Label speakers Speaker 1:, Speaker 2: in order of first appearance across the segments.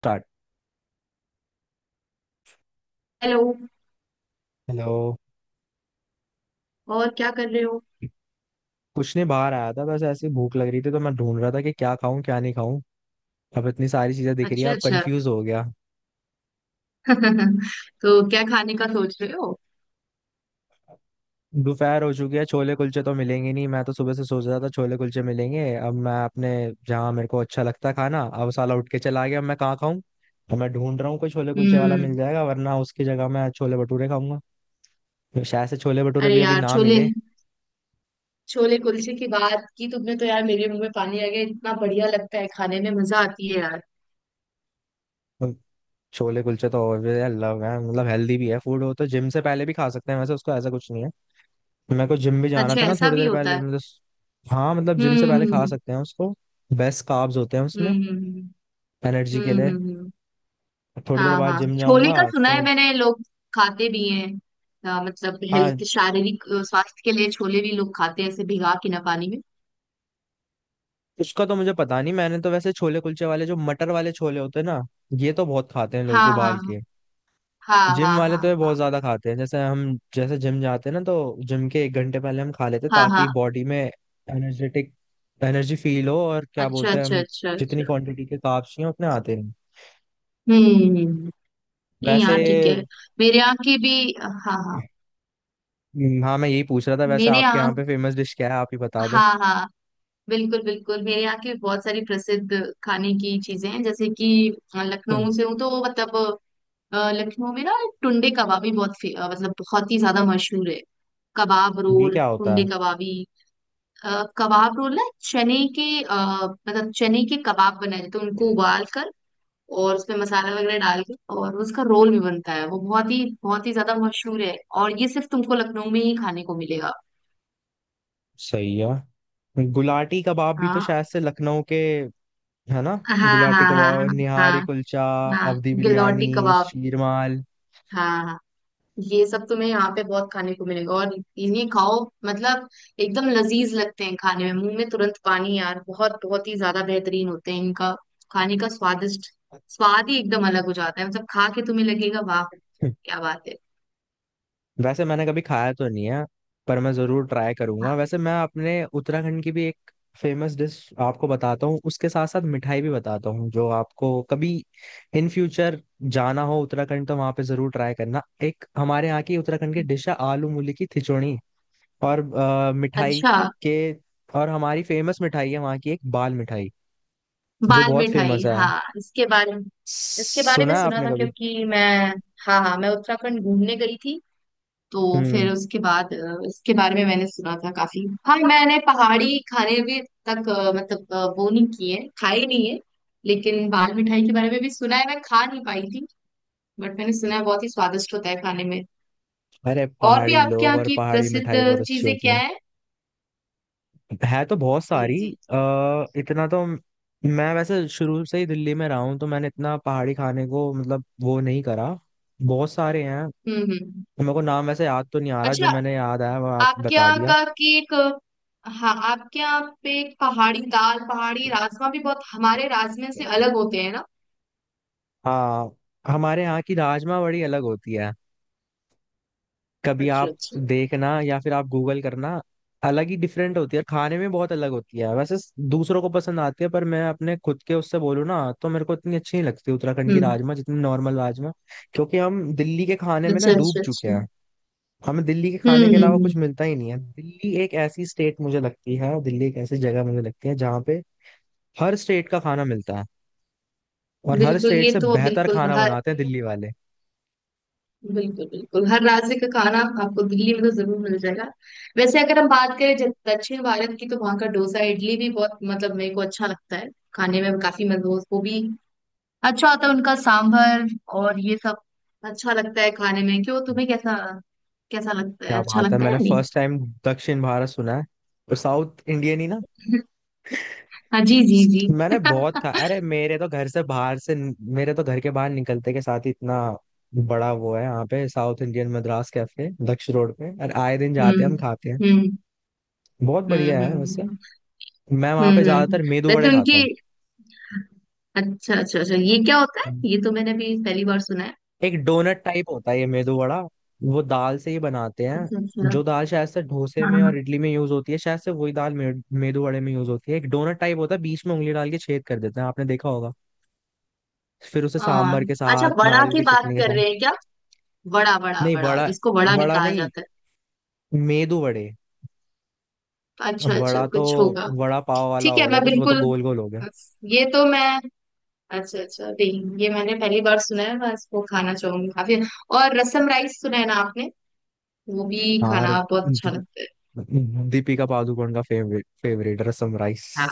Speaker 1: Start.
Speaker 2: Hello.
Speaker 1: Hello.
Speaker 2: और क्या कर रहे हो?
Speaker 1: कुछ नहीं, बाहर आया था, बस ऐसे ही भूख लग रही थी तो मैं ढूंढ रहा था कि क्या खाऊं क्या नहीं खाऊं। अब इतनी सारी चीजें दिख रही हैं,
Speaker 2: अच्छा,
Speaker 1: अब
Speaker 2: अच्छा।
Speaker 1: कंफ्यूज हो गया।
Speaker 2: तो क्या खाने का सोच रहे हो?
Speaker 1: दोपहर हो चुकी है, छोले कुलचे तो मिलेंगे नहीं, मैं तो सुबह से सोच रहा था छोले कुलचे मिलेंगे। अब मैं अपने जहाँ मेरे को अच्छा लगता है खाना, अब साला उठ के चला गया, अब मैं कहाँ खाऊं। तो मैं ढूंढ रहा हूँ कोई छोले कुलचे वाला मिल
Speaker 2: हम्म।
Speaker 1: जाएगा, वरना उसकी जगह मैं छोले भटूरे खाऊंगा। तो शायद से छोले भटूरे
Speaker 2: अरे
Speaker 1: भी अभी
Speaker 2: यार,
Speaker 1: ना
Speaker 2: छोले,
Speaker 1: मिले।
Speaker 2: छोले कुलचे की बात की तुमने, तो यार, मेरे मुंह में पानी आ गया। इतना बढ़िया लगता है, खाने में मजा आती है यार।
Speaker 1: तो छोले कुलचे तो लव है, मतलब हेल्दी भी है, फूड हो तो जिम से पहले भी खा सकते हैं, वैसे उसको ऐसा कुछ नहीं है। मेरे को जिम भी जाना
Speaker 2: अच्छा,
Speaker 1: था ना
Speaker 2: ऐसा
Speaker 1: थोड़ी
Speaker 2: भी
Speaker 1: देर
Speaker 2: होता
Speaker 1: पहले,
Speaker 2: है?
Speaker 1: मतलब हाँ, मतलब जिम से पहले खा
Speaker 2: हम्म।
Speaker 1: सकते हैं उसको। बेस्ट कार्ब्स होते हैं उसमें,
Speaker 2: हम्म। हम्म।
Speaker 1: एनर्जी
Speaker 2: हम्म।
Speaker 1: के लिए।
Speaker 2: हम्म, हम्म, हम्म।
Speaker 1: थोड़ी देर
Speaker 2: हाँ
Speaker 1: बाद
Speaker 2: हाँ,
Speaker 1: जिम
Speaker 2: छोले
Speaker 1: जाऊंगा।
Speaker 2: का सुना है
Speaker 1: तो
Speaker 2: मैंने, लोग खाते भी हैं। मतलब
Speaker 1: हाँ,
Speaker 2: हेल्थ शारीरिक स्वास्थ्य के लिए छोले भी लोग खाते हैं, ऐसे भिगा के ना पानी में।
Speaker 1: उसका तो मुझे पता नहीं, मैंने तो वैसे छोले कुलचे वाले जो मटर वाले छोले होते हैं ना, ये तो बहुत खाते हैं लोग
Speaker 2: हाँ
Speaker 1: उबाल
Speaker 2: हाँ।
Speaker 1: के।
Speaker 2: हाँ
Speaker 1: जिम
Speaker 2: हाँ
Speaker 1: वाले तो
Speaker 2: हाँ
Speaker 1: ये
Speaker 2: हाँ।
Speaker 1: बहुत ज्यादा खाते हैं, जैसे हम जैसे जिम जाते हैं ना, तो जिम के एक घंटे पहले हम खा लेते हैं
Speaker 2: हाँ हाँ
Speaker 1: ताकि
Speaker 2: हाँ।
Speaker 1: बॉडी में एनर्जेटिक एनर्जी फील हो, और क्या
Speaker 2: अच्छा
Speaker 1: बोलते हैं
Speaker 2: अच्छा
Speaker 1: हम,
Speaker 2: अच्छा
Speaker 1: जितनी
Speaker 2: अच्छा।
Speaker 1: क्वांटिटी के कार्ब्स चाहिए उतने आते हैं
Speaker 2: हम्म हम्म। नहीं
Speaker 1: वैसे।
Speaker 2: यार, ठीक है। मेरे यहाँ की भी, हाँ हाँ।
Speaker 1: हाँ मैं यही पूछ रहा था, वैसे
Speaker 2: मेरे
Speaker 1: आपके यहाँ
Speaker 2: यहाँ,
Speaker 1: पे फेमस डिश क्या है, आप ही बता दो।
Speaker 2: हाँ हाँ, बिल्कुल बिल्कुल, मेरे यहाँ के बहुत सारी प्रसिद्ध खाने की चीजें हैं, जैसे कि लखनऊ
Speaker 1: हम्म,
Speaker 2: से हूँ तो मतलब लखनऊ में ना, टुंडे कबाबी बहुत मतलब बहुत ही ज्यादा मशहूर है। कबाब
Speaker 1: ये
Speaker 2: रोल,
Speaker 1: क्या होता
Speaker 2: टुंडे
Speaker 1: है।
Speaker 2: कबाबी। कबाब रोल ना, चने के मतलब चने के कबाब बनाए जाते हैं, उनको उबाल कर, और उसमें मसाला वगैरह डाल के, और उसका रोल भी बनता है। वो बहुत ही ज्यादा मशहूर है। और ये सिर्फ तुमको लखनऊ में ही खाने को मिलेगा।
Speaker 1: सही है, गुलाटी कबाब भी तो
Speaker 2: हाँ
Speaker 1: शायद से लखनऊ के है ना।
Speaker 2: हाँ। हाँ
Speaker 1: गुलाटी
Speaker 2: हाँ।
Speaker 1: कबाब,
Speaker 2: हाँ
Speaker 1: निहारी
Speaker 2: हाँ
Speaker 1: कुलचा,
Speaker 2: हाँ।
Speaker 1: अवधी
Speaker 2: गिलौटी
Speaker 1: बिरयानी,
Speaker 2: कबाब।
Speaker 1: शीरमाल।
Speaker 2: हाँ हाँ। ये सब तुम्हें यहाँ पे बहुत खाने को मिलेगा, और इन्हें खाओ, मतलब एकदम लजीज लगते हैं खाने में, मुंह में तुरंत पानी यार। बहुत बहुत ही ज्यादा बेहतरीन होते हैं इनका खाने का, स्वादिष्ट स्वाद ही एकदम अलग हो जाता है, मतलब खा के तुम्हें लगेगा, वाह, क्या बात है!
Speaker 1: वैसे मैंने कभी खाया तो नहीं है, पर मैं जरूर ट्राई
Speaker 2: हाँ।
Speaker 1: करूंगा। वैसे मैं अपने उत्तराखंड की भी एक फेमस डिश आपको बताता हूँ, उसके साथ साथ मिठाई भी बताता हूँ, जो आपको कभी इन फ्यूचर जाना हो उत्तराखंड तो वहां पे जरूर ट्राई करना। एक हमारे यहाँ की उत्तराखंड की डिश है आलू मूली की खिचड़ी, और मिठाई
Speaker 2: अच्छा।
Speaker 1: के, और हमारी फेमस मिठाई है वहाँ की एक बाल मिठाई, जो
Speaker 2: बाल
Speaker 1: बहुत
Speaker 2: मिठाई,
Speaker 1: फेमस है।
Speaker 2: हाँ, इसके बारे में
Speaker 1: सुना है
Speaker 2: सुना
Speaker 1: आपने
Speaker 2: था,
Speaker 1: कभी।
Speaker 2: क्योंकि मैं, हाँ हाँ, मैं उत्तराखंड घूमने गई थी। तो
Speaker 1: हम्म।
Speaker 2: फिर उसके बाद इसके बारे में मैंने सुना था काफी। हाँ, मैंने पहाड़ी खाने भी तक मतलब वो नहीं किए, खाए नहीं है। लेकिन बाल मिठाई के बारे में भी सुना है, मैं खा नहीं पाई थी, बट मैंने सुना है बहुत ही स्वादिष्ट होता है खाने में।
Speaker 1: अरे
Speaker 2: और भी
Speaker 1: पहाड़ी
Speaker 2: आपके
Speaker 1: लोग
Speaker 2: यहाँ
Speaker 1: और
Speaker 2: की
Speaker 1: पहाड़ी
Speaker 2: प्रसिद्ध
Speaker 1: मिठाई बहुत अच्छी
Speaker 2: चीजें
Speaker 1: होती
Speaker 2: क्या
Speaker 1: है।
Speaker 2: है?
Speaker 1: है तो बहुत
Speaker 2: जी
Speaker 1: सारी।
Speaker 2: जी।
Speaker 1: इतना तो मैं वैसे शुरू से ही दिल्ली में रहा हूँ, तो मैंने इतना पहाड़ी खाने को मतलब वो नहीं करा। बहुत सारे हैं,
Speaker 2: हम्म।
Speaker 1: मेरे को नाम वैसे याद तो नहीं आ रहा, जो
Speaker 2: अच्छा।
Speaker 1: मैंने याद आया वो आप
Speaker 2: आपके
Speaker 1: बता
Speaker 2: यहाँ
Speaker 1: दिया।
Speaker 2: का केक? हाँ, आपके यहाँ पे एक पहाड़ी दाल, पहाड़ी राजमा भी बहुत हमारे राजमे से अलग होते हैं ना?
Speaker 1: हाँ, हमारे यहाँ की राजमा बड़ी अलग होती है। कभी
Speaker 2: अच्छा
Speaker 1: आप
Speaker 2: अच्छा।
Speaker 1: देखना, या फिर आप गूगल करना। अलग ही डिफरेंट होती है खाने में, बहुत अलग होती है वैसे। दूसरों को पसंद आती है पर मैं अपने खुद के उससे बोलूँ ना, तो मेरे को इतनी अच्छी नहीं लगती उत्तराखंड की
Speaker 2: हम्म।
Speaker 1: राजमा जितनी नॉर्मल राजमा। क्योंकि हम दिल्ली के खाने में ना
Speaker 2: अच्छा
Speaker 1: डूब
Speaker 2: अच्छा
Speaker 1: चुके
Speaker 2: अच्छा।
Speaker 1: हैं। हमें दिल्ली के
Speaker 2: हम्म
Speaker 1: खाने के
Speaker 2: हम्म,
Speaker 1: अलावा कुछ
Speaker 2: हम्म,
Speaker 1: मिलता ही नहीं है। दिल्ली एक ऐसी स्टेट मुझे लगती है, दिल्ली एक ऐसी जगह मुझे लगती है, जहाँ पे हर स्टेट का खाना मिलता है, और हर
Speaker 2: बिल्कुल।
Speaker 1: स्टेट
Speaker 2: ये
Speaker 1: से
Speaker 2: तो
Speaker 1: बेहतर
Speaker 2: बिल्कुल
Speaker 1: खाना
Speaker 2: हर,
Speaker 1: बनाते हैं दिल्ली वाले।
Speaker 2: बिल्कुल बिल्कुल हर राज्य का खाना आपको दिल्ली में तो जरूर मिल जाएगा। वैसे अगर हम बात करें जब दक्षिण भारत की, तो वहाँ का डोसा इडली भी बहुत मतलब मेरे को अच्छा लगता है खाने में, काफी मजबूत वो भी, अच्छा होता है उनका सांभर और ये सब, अच्छा लगता है खाने में। क्यों, तुम्हें कैसा कैसा लगता
Speaker 1: क्या
Speaker 2: है, अच्छा
Speaker 1: बात है,
Speaker 2: लगता है या
Speaker 1: मैंने
Speaker 2: नहीं?
Speaker 1: फर्स्ट टाइम दक्षिण भारत सुना है, और साउथ इंडियन ही ना।
Speaker 2: हाँ जी, जी जी।
Speaker 1: मैंने बहुत खा, अरे मेरे तो घर से बाहर से, मेरे तो घर के बाहर निकलते के साथ ही इतना बड़ा वो है, यहाँ पे south Indian Madras cafe Daksh road पे, और आए दिन जाते हैं
Speaker 2: हम्म
Speaker 1: हम, खाते हैं।
Speaker 2: हम्म।
Speaker 1: बहुत बढ़िया है वैसे।
Speaker 2: हम्म।
Speaker 1: मैं वहां पे
Speaker 2: हम्म हम्म।
Speaker 1: ज्यादातर मेदू
Speaker 2: वैसे
Speaker 1: वड़े खाता
Speaker 2: उनकी,
Speaker 1: हूँ।
Speaker 2: अच्छा अच्छा अच्छा, ये क्या होता है? ये तो मैंने भी पहली बार सुना है।
Speaker 1: एक डोनट टाइप होता है ये मेदू वड़ा, वो दाल से ही बनाते
Speaker 2: अच्छा
Speaker 1: हैं।
Speaker 2: अच्छा।
Speaker 1: जो दाल शायद से डोसे में और
Speaker 2: हाँ
Speaker 1: इडली में यूज होती है, शायद से वही दाल मेदू वड़े में यूज होती है। एक डोनट टाइप होता है, बीच में उंगली डाल के छेद कर देते हैं, आपने देखा होगा। फिर उसे
Speaker 2: हाँ।
Speaker 1: सांभर के
Speaker 2: अच्छा,
Speaker 1: साथ,
Speaker 2: वड़ा
Speaker 1: नारियल
Speaker 2: की
Speaker 1: की
Speaker 2: बात
Speaker 1: चटनी के
Speaker 2: कर
Speaker 1: साथ।
Speaker 2: रहे हैं क्या? वड़ा वड़ा
Speaker 1: नहीं
Speaker 2: वड़ा,
Speaker 1: वड़ा,
Speaker 2: जिसको वड़ा भी
Speaker 1: वड़ा
Speaker 2: कहा
Speaker 1: नहीं,
Speaker 2: जाता
Speaker 1: मेदू वड़े।
Speaker 2: है। अच्छा
Speaker 1: अब
Speaker 2: अच्छा,
Speaker 1: वड़ा तो
Speaker 2: कुछ होगा।
Speaker 1: वड़ा पाव वाला
Speaker 2: ठीक
Speaker 1: हो
Speaker 2: है।
Speaker 1: गया
Speaker 2: मैं
Speaker 1: कुछ, वो तो
Speaker 2: बिल्कुल,
Speaker 1: गोल गोल हो गया।
Speaker 2: ये तो मैं, अच्छा अच्छा, नहीं, ये मैंने पहली बार सुना है, मैं इसको खाना चाहूंगी काफी। और रसम राइस सुना है ना आपने? वो भी
Speaker 1: हाँ। और
Speaker 2: खाना बहुत अच्छा
Speaker 1: दी-
Speaker 2: लगता है।
Speaker 1: दीपिका पादुकोण का फेवरेट फेवरेट रसम राइस।
Speaker 2: हाँ,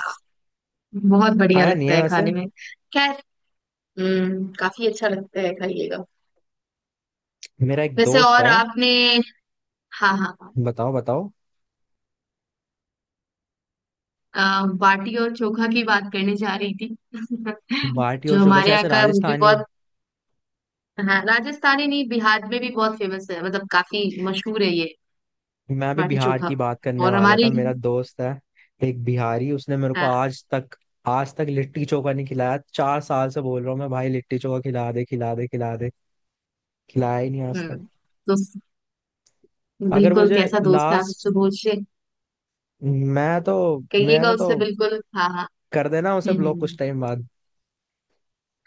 Speaker 2: बहुत बढ़िया
Speaker 1: खाया नहीं
Speaker 2: लगता
Speaker 1: है
Speaker 2: है
Speaker 1: वैसे।
Speaker 2: खाने में। खैर, हम्म, काफी अच्छा लगता है, खाइएगा।
Speaker 1: मेरा एक
Speaker 2: वैसे,
Speaker 1: दोस्त
Speaker 2: और
Speaker 1: है।
Speaker 2: आपने, हाँ हाँ हाँ,
Speaker 1: बताओ बताओ।
Speaker 2: बाटी और चोखा की बात करने जा रही थी।
Speaker 1: बाटी और
Speaker 2: जो
Speaker 1: चोखा
Speaker 2: हमारे
Speaker 1: शायद
Speaker 2: यहाँ
Speaker 1: से
Speaker 2: का, वो भी
Speaker 1: राजस्थानी।
Speaker 2: बहुत। हाँ, राजस्थानी नहीं, बिहार में भी बहुत फेमस है, मतलब काफी मशहूर है ये
Speaker 1: मैं अभी
Speaker 2: बाटी
Speaker 1: बिहार की
Speaker 2: चोखा।
Speaker 1: बात करने
Speaker 2: और
Speaker 1: वाला था,
Speaker 2: हमारे,
Speaker 1: मेरा दोस्त है एक बिहारी, उसने मेरे को
Speaker 2: हाँ।
Speaker 1: आज तक लिट्टी चोखा नहीं खिलाया। चार साल से बोल रहा हूँ मैं, भाई लिट्टी चोखा खिला दे खिला दे खिला दे, खिलाया ही नहीं आज तक।
Speaker 2: हम्म। तो
Speaker 1: अगर
Speaker 2: बिल्कुल,
Speaker 1: मुझे
Speaker 2: कैसा दोस्त है, आप
Speaker 1: लास्ट,
Speaker 2: उससे पूछिए,
Speaker 1: मैं तो,
Speaker 2: कहिएगा
Speaker 1: मैंने तो,
Speaker 2: उससे बिल्कुल, हाँ हाँ।
Speaker 1: कर देना उसे
Speaker 2: हम्म
Speaker 1: ब्लॉक कुछ
Speaker 2: हम्म,
Speaker 1: टाइम बाद।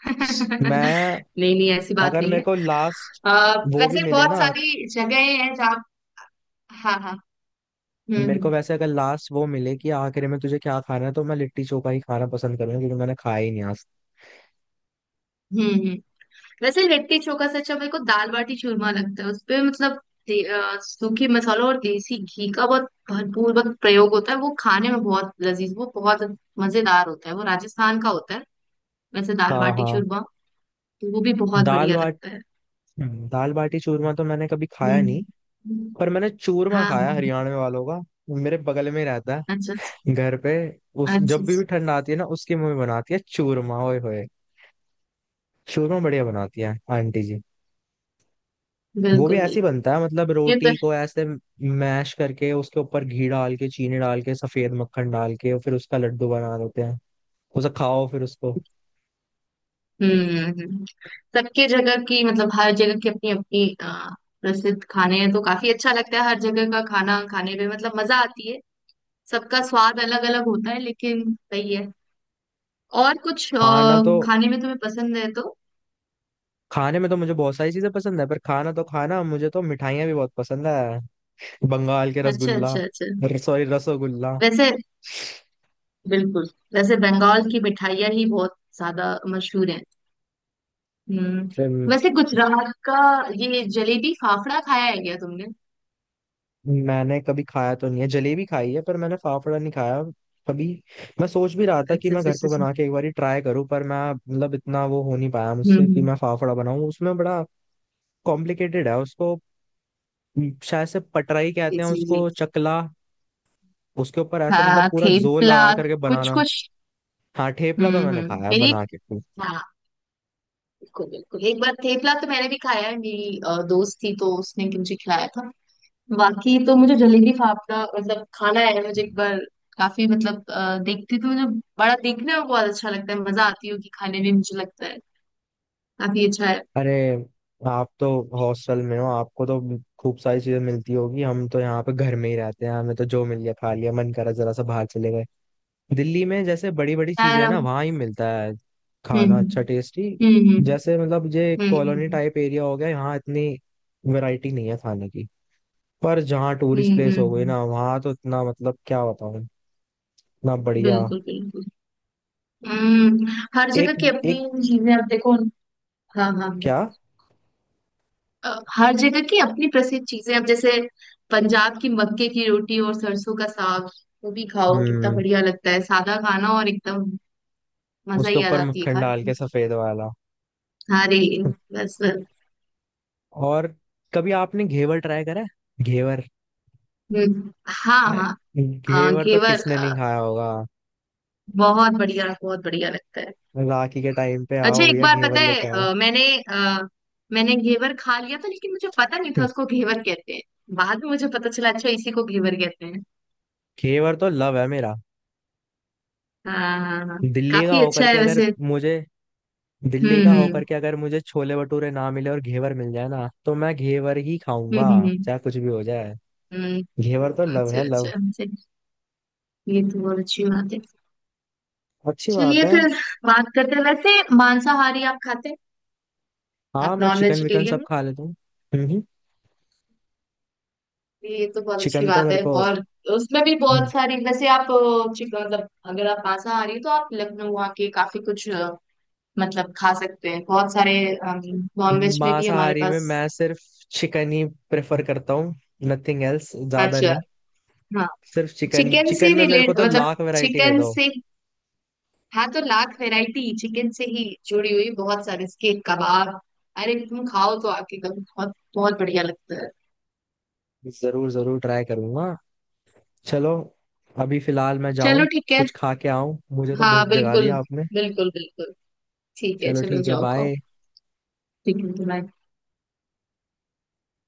Speaker 2: हम्म।
Speaker 1: मैं,
Speaker 2: नहीं नहीं, ऐसी बात
Speaker 1: अगर
Speaker 2: नहीं
Speaker 1: मेरे
Speaker 2: है।
Speaker 1: को लास्ट
Speaker 2: आ,
Speaker 1: वो भी
Speaker 2: वैसे
Speaker 1: मिले
Speaker 2: बहुत
Speaker 1: ना,
Speaker 2: सारी जगहें हैं जहाँ, हाँ हाँ।
Speaker 1: मेरे
Speaker 2: हम्म।
Speaker 1: को वैसे अगर लास्ट वो मिले कि आखिर में तुझे क्या खाना है, तो मैं लिट्टी चोखा ही खाना पसंद करूंगा, क्योंकि मैंने खाया ही नहीं आज
Speaker 2: हम्म हम्म। वैसे लिट्टी चोखा से अच्छा मेरे को दाल बाटी चूरमा लगता है उसपे, मतलब दे- सूखे मसालों और देसी घी का बहुत भरपूर बहुत प्रयोग होता है, वो खाने में बहुत लजीज, वो बहुत मजेदार होता है, वो राजस्थान का होता है। वैसे
Speaker 1: तक।
Speaker 2: दाल
Speaker 1: हाँ
Speaker 2: बाटी
Speaker 1: हाँ,
Speaker 2: चूरमा तो वो भी बहुत
Speaker 1: दाल
Speaker 2: बढ़िया
Speaker 1: बाट,
Speaker 2: लगता है।
Speaker 1: दाल बाटी चूरमा तो मैंने कभी खाया नहीं।
Speaker 2: हम्म हम्म।
Speaker 1: पर मैंने चूरमा
Speaker 2: हाँ
Speaker 1: खाया
Speaker 2: हाँ।
Speaker 1: हरियाणा वालों का, मेरे बगल में ही रहता
Speaker 2: अच्छा
Speaker 1: है घर पे। उस जब भी
Speaker 2: अच्छा।
Speaker 1: ठंड आती है ना, उसकी मम्मी बनाती है चूरमा, ओए होए। चूरमा बढ़िया बनाती है आंटी जी। वो भी
Speaker 2: बिल्कुल
Speaker 1: ऐसे ही
Speaker 2: बिल्कुल।
Speaker 1: बनता है, मतलब
Speaker 2: ये तो,
Speaker 1: रोटी को ऐसे मैश करके उसके ऊपर घी डाल के, चीनी डाल के, सफेद मक्खन डाल के, और फिर उसका लड्डू बना देते हैं। उसे खाओ, फिर उसको
Speaker 2: हम्म। सबके जगह की, मतलब हर जगह की अपनी अपनी प्रसिद्ध खाने हैं, तो काफी अच्छा लगता है हर जगह का खाना खाने में, मतलब मजा आती है। सबका स्वाद अलग अलग होता है, लेकिन सही है। और कुछ
Speaker 1: खाना तो,
Speaker 2: खाने में तुम्हें पसंद है तो?
Speaker 1: खाने में तो मुझे बहुत सारी चीजें पसंद है, पर खाना तो खाना, मुझे तो मिठाइयाँ भी बहुत पसंद है। बंगाल के
Speaker 2: अच्छा
Speaker 1: रसगुल्ला,
Speaker 2: अच्छा अच्छा।
Speaker 1: सॉरी रसोगुल्ला।
Speaker 2: वैसे, बिल्कुल, वैसे बंगाल की मिठाइयाँ ही बहुत ज्यादा मशहूर है। हम्म। वैसे गुजरात का ये जलेबी फाफड़ा खाया है क्या तुमने?
Speaker 1: मैंने कभी खाया तो नहीं है, जलेबी खाई है पर मैंने फाफड़ा नहीं खाया कभी। मैं सोच भी रहा था कि
Speaker 2: अच्छा
Speaker 1: मैं
Speaker 2: अच्छा
Speaker 1: घर
Speaker 2: अच्छा
Speaker 1: पे
Speaker 2: अच्छा।
Speaker 1: बना के एक बार ट्राई करूं, पर मैं मतलब इतना वो हो नहीं पाया
Speaker 2: हम्म
Speaker 1: मुझसे कि
Speaker 2: हम्म।
Speaker 1: मैं फाफड़ा बनाऊं, उसमें बड़ा कॉम्प्लिकेटेड है उसको। शायद से पटराई
Speaker 2: जी
Speaker 1: कहते हैं
Speaker 2: जी जी।
Speaker 1: उसको, चकला, उसके ऊपर ऐसे मतलब
Speaker 2: हाँ,
Speaker 1: पूरा जोर
Speaker 2: थेपला,
Speaker 1: लगा करके
Speaker 2: कुछ
Speaker 1: बनाना।
Speaker 2: कुछ।
Speaker 1: हाँ ठेपला तो मैंने
Speaker 2: हम्म।
Speaker 1: खाया है
Speaker 2: मेरी,
Speaker 1: बना के।
Speaker 2: हाँ, बिल्कुल बिल्कुल, एक बार थेपला तो मैंने भी खाया है, मेरी दोस्त थी तो उसने मुझे खिलाया था। बाकी तो मुझे जलेबी फाफड़ा, मतलब खाना है मुझे एक बार, काफी मतलब देखती तो मुझे बड़ा, देखने में बहुत अच्छा लगता है, मजा आती होगी खाने में मुझे लगता है, काफी अच्छा है।
Speaker 1: अरे आप तो हॉस्टल में हो, आपको तो खूब सारी चीजें मिलती होगी। हम तो यहाँ पे घर में ही रहते हैं, हमें तो जो मिल गया खा लिया, मन करा जरा सा बाहर चले गए। दिल्ली में जैसे बड़ी बड़ी चीजें
Speaker 2: यार,
Speaker 1: हैं ना, वहाँ ही मिलता है
Speaker 2: हम्म
Speaker 1: खाना अच्छा
Speaker 2: हम्म।
Speaker 1: टेस्टी। जैसे मतलब ये
Speaker 2: हम्म।
Speaker 1: कॉलोनी
Speaker 2: हम्म।
Speaker 1: टाइप एरिया हो गया, यहाँ इतनी वैरायटी नहीं है खाने की। पर जहाँ
Speaker 2: हम्म,
Speaker 1: टूरिस्ट
Speaker 2: हम्म,
Speaker 1: प्लेस हो
Speaker 2: हम्म,
Speaker 1: गई
Speaker 2: हम्म।
Speaker 1: ना, वहाँ तो इतना मतलब क्या बताऊँ, इतना बढ़िया।
Speaker 2: बिल्कुल बिल्कुल। हम्म। हर जगह
Speaker 1: एक
Speaker 2: की अपनी
Speaker 1: एक
Speaker 2: चीजें, अब देखो। हाँ हाँ हाँ।
Speaker 1: क्या।
Speaker 2: हर जगह की अपनी प्रसिद्ध चीजें, अब जैसे पंजाब की मक्के की रोटी और सरसों का साग, वो भी खाओ, कितना
Speaker 1: हम्म।
Speaker 2: बढ़िया लगता है, सादा खाना और एकदम मजा
Speaker 1: उसके
Speaker 2: ही आ
Speaker 1: ऊपर
Speaker 2: जाती है
Speaker 1: मक्खन
Speaker 2: खाने
Speaker 1: डाल
Speaker 2: में।
Speaker 1: के सफेद वाला,
Speaker 2: हाँ रे, बस बस।
Speaker 1: और कभी आपने घेवर ट्राई करा है? घेवर।
Speaker 2: हाँ हाँ। हाँ,
Speaker 1: घेवर तो
Speaker 2: घेवर,
Speaker 1: किसने नहीं खाया होगा।
Speaker 2: बहुत बढ़िया, बहुत बढ़िया लगता है।
Speaker 1: राखी के टाइम पे
Speaker 2: अच्छा,
Speaker 1: आओ
Speaker 2: एक
Speaker 1: भैया
Speaker 2: बार
Speaker 1: घेवर
Speaker 2: पता है,
Speaker 1: लेके आओ।
Speaker 2: मैंने घेवर खा लिया था, लेकिन मुझे पता नहीं था उसको घेवर कहते हैं। बाद में मुझे पता चला, अच्छा, इसी को घेवर कहते हैं।
Speaker 1: घेवर तो लव है मेरा।
Speaker 2: हाँ हाँ हाँ हाँ।
Speaker 1: दिल्ली का
Speaker 2: काफी
Speaker 1: होकर
Speaker 2: अच्छा है
Speaker 1: के अगर
Speaker 2: वैसे।
Speaker 1: मुझे, दिल्ली का
Speaker 2: हम्म।
Speaker 1: होकर के अगर मुझे छोले भटूरे ना मिले और घेवर मिल जाए ना, तो मैं घेवर ही खाऊंगा
Speaker 2: हम्म। हम्म।
Speaker 1: चाहे कुछ भी हो जाए।
Speaker 2: हम्म।
Speaker 1: घेवर तो लव
Speaker 2: अच्छा
Speaker 1: है,
Speaker 2: अच्छा
Speaker 1: लव।
Speaker 2: अच्छा, ये तो बहुत अच्छी बात है।
Speaker 1: अच्छी बात
Speaker 2: चलिए
Speaker 1: है।
Speaker 2: फिर, बात करते हैं, वैसे मांसाहारी आप खाते हैं?
Speaker 1: हाँ
Speaker 2: आप
Speaker 1: मैं
Speaker 2: नॉन
Speaker 1: चिकन विकन सब
Speaker 2: वेजिटेरियन
Speaker 1: खा लेता हूँ। हम्म हम्म।
Speaker 2: हैं, ये तो बहुत अच्छी
Speaker 1: चिकन तो
Speaker 2: बात
Speaker 1: मेरे
Speaker 2: है।
Speaker 1: को,
Speaker 2: और उसमें भी बहुत
Speaker 1: हम्म,
Speaker 2: सारी, वैसे आप मतलब अगर आप मांसाहारी हो, तो आप लखनऊ आके काफी कुछ मतलब खा सकते हैं, बहुत सारे नॉन वेज में भी हमारे
Speaker 1: मांसाहारी
Speaker 2: पास।
Speaker 1: में मैं सिर्फ चिकन ही प्रेफर करता हूँ, नथिंग एल्स ज्यादा
Speaker 2: अच्छा,
Speaker 1: नहीं।
Speaker 2: हाँ,
Speaker 1: सिर्फ चिकन,
Speaker 2: चिकन
Speaker 1: चिकन
Speaker 2: से
Speaker 1: में मेरे को
Speaker 2: रिलेट
Speaker 1: तो
Speaker 2: मतलब,
Speaker 1: लाख वैरायटी दे
Speaker 2: चिकन
Speaker 1: दो।
Speaker 2: से, हाँ, तो लाख वैरायटी चिकन से ही जुड़ी हुई, बहुत सारे इसके कबाब। अरे, तुम खाओ तो आपके कब बहुत बहुत बढ़िया लगता है।
Speaker 1: जरूर जरूर ट्राई करूंगा। चलो अभी फिलहाल मैं जाऊं,
Speaker 2: चलो ठीक है।
Speaker 1: कुछ खा के आऊं, मुझे तो
Speaker 2: हाँ
Speaker 1: भूख जगा
Speaker 2: बिल्कुल,
Speaker 1: दिया आपने।
Speaker 2: बिल्कुल बिल्कुल। ठीक है,
Speaker 1: चलो
Speaker 2: चलो
Speaker 1: ठीक है,
Speaker 2: जाओ, खाओ।
Speaker 1: बाय।
Speaker 2: ठीक है, bye।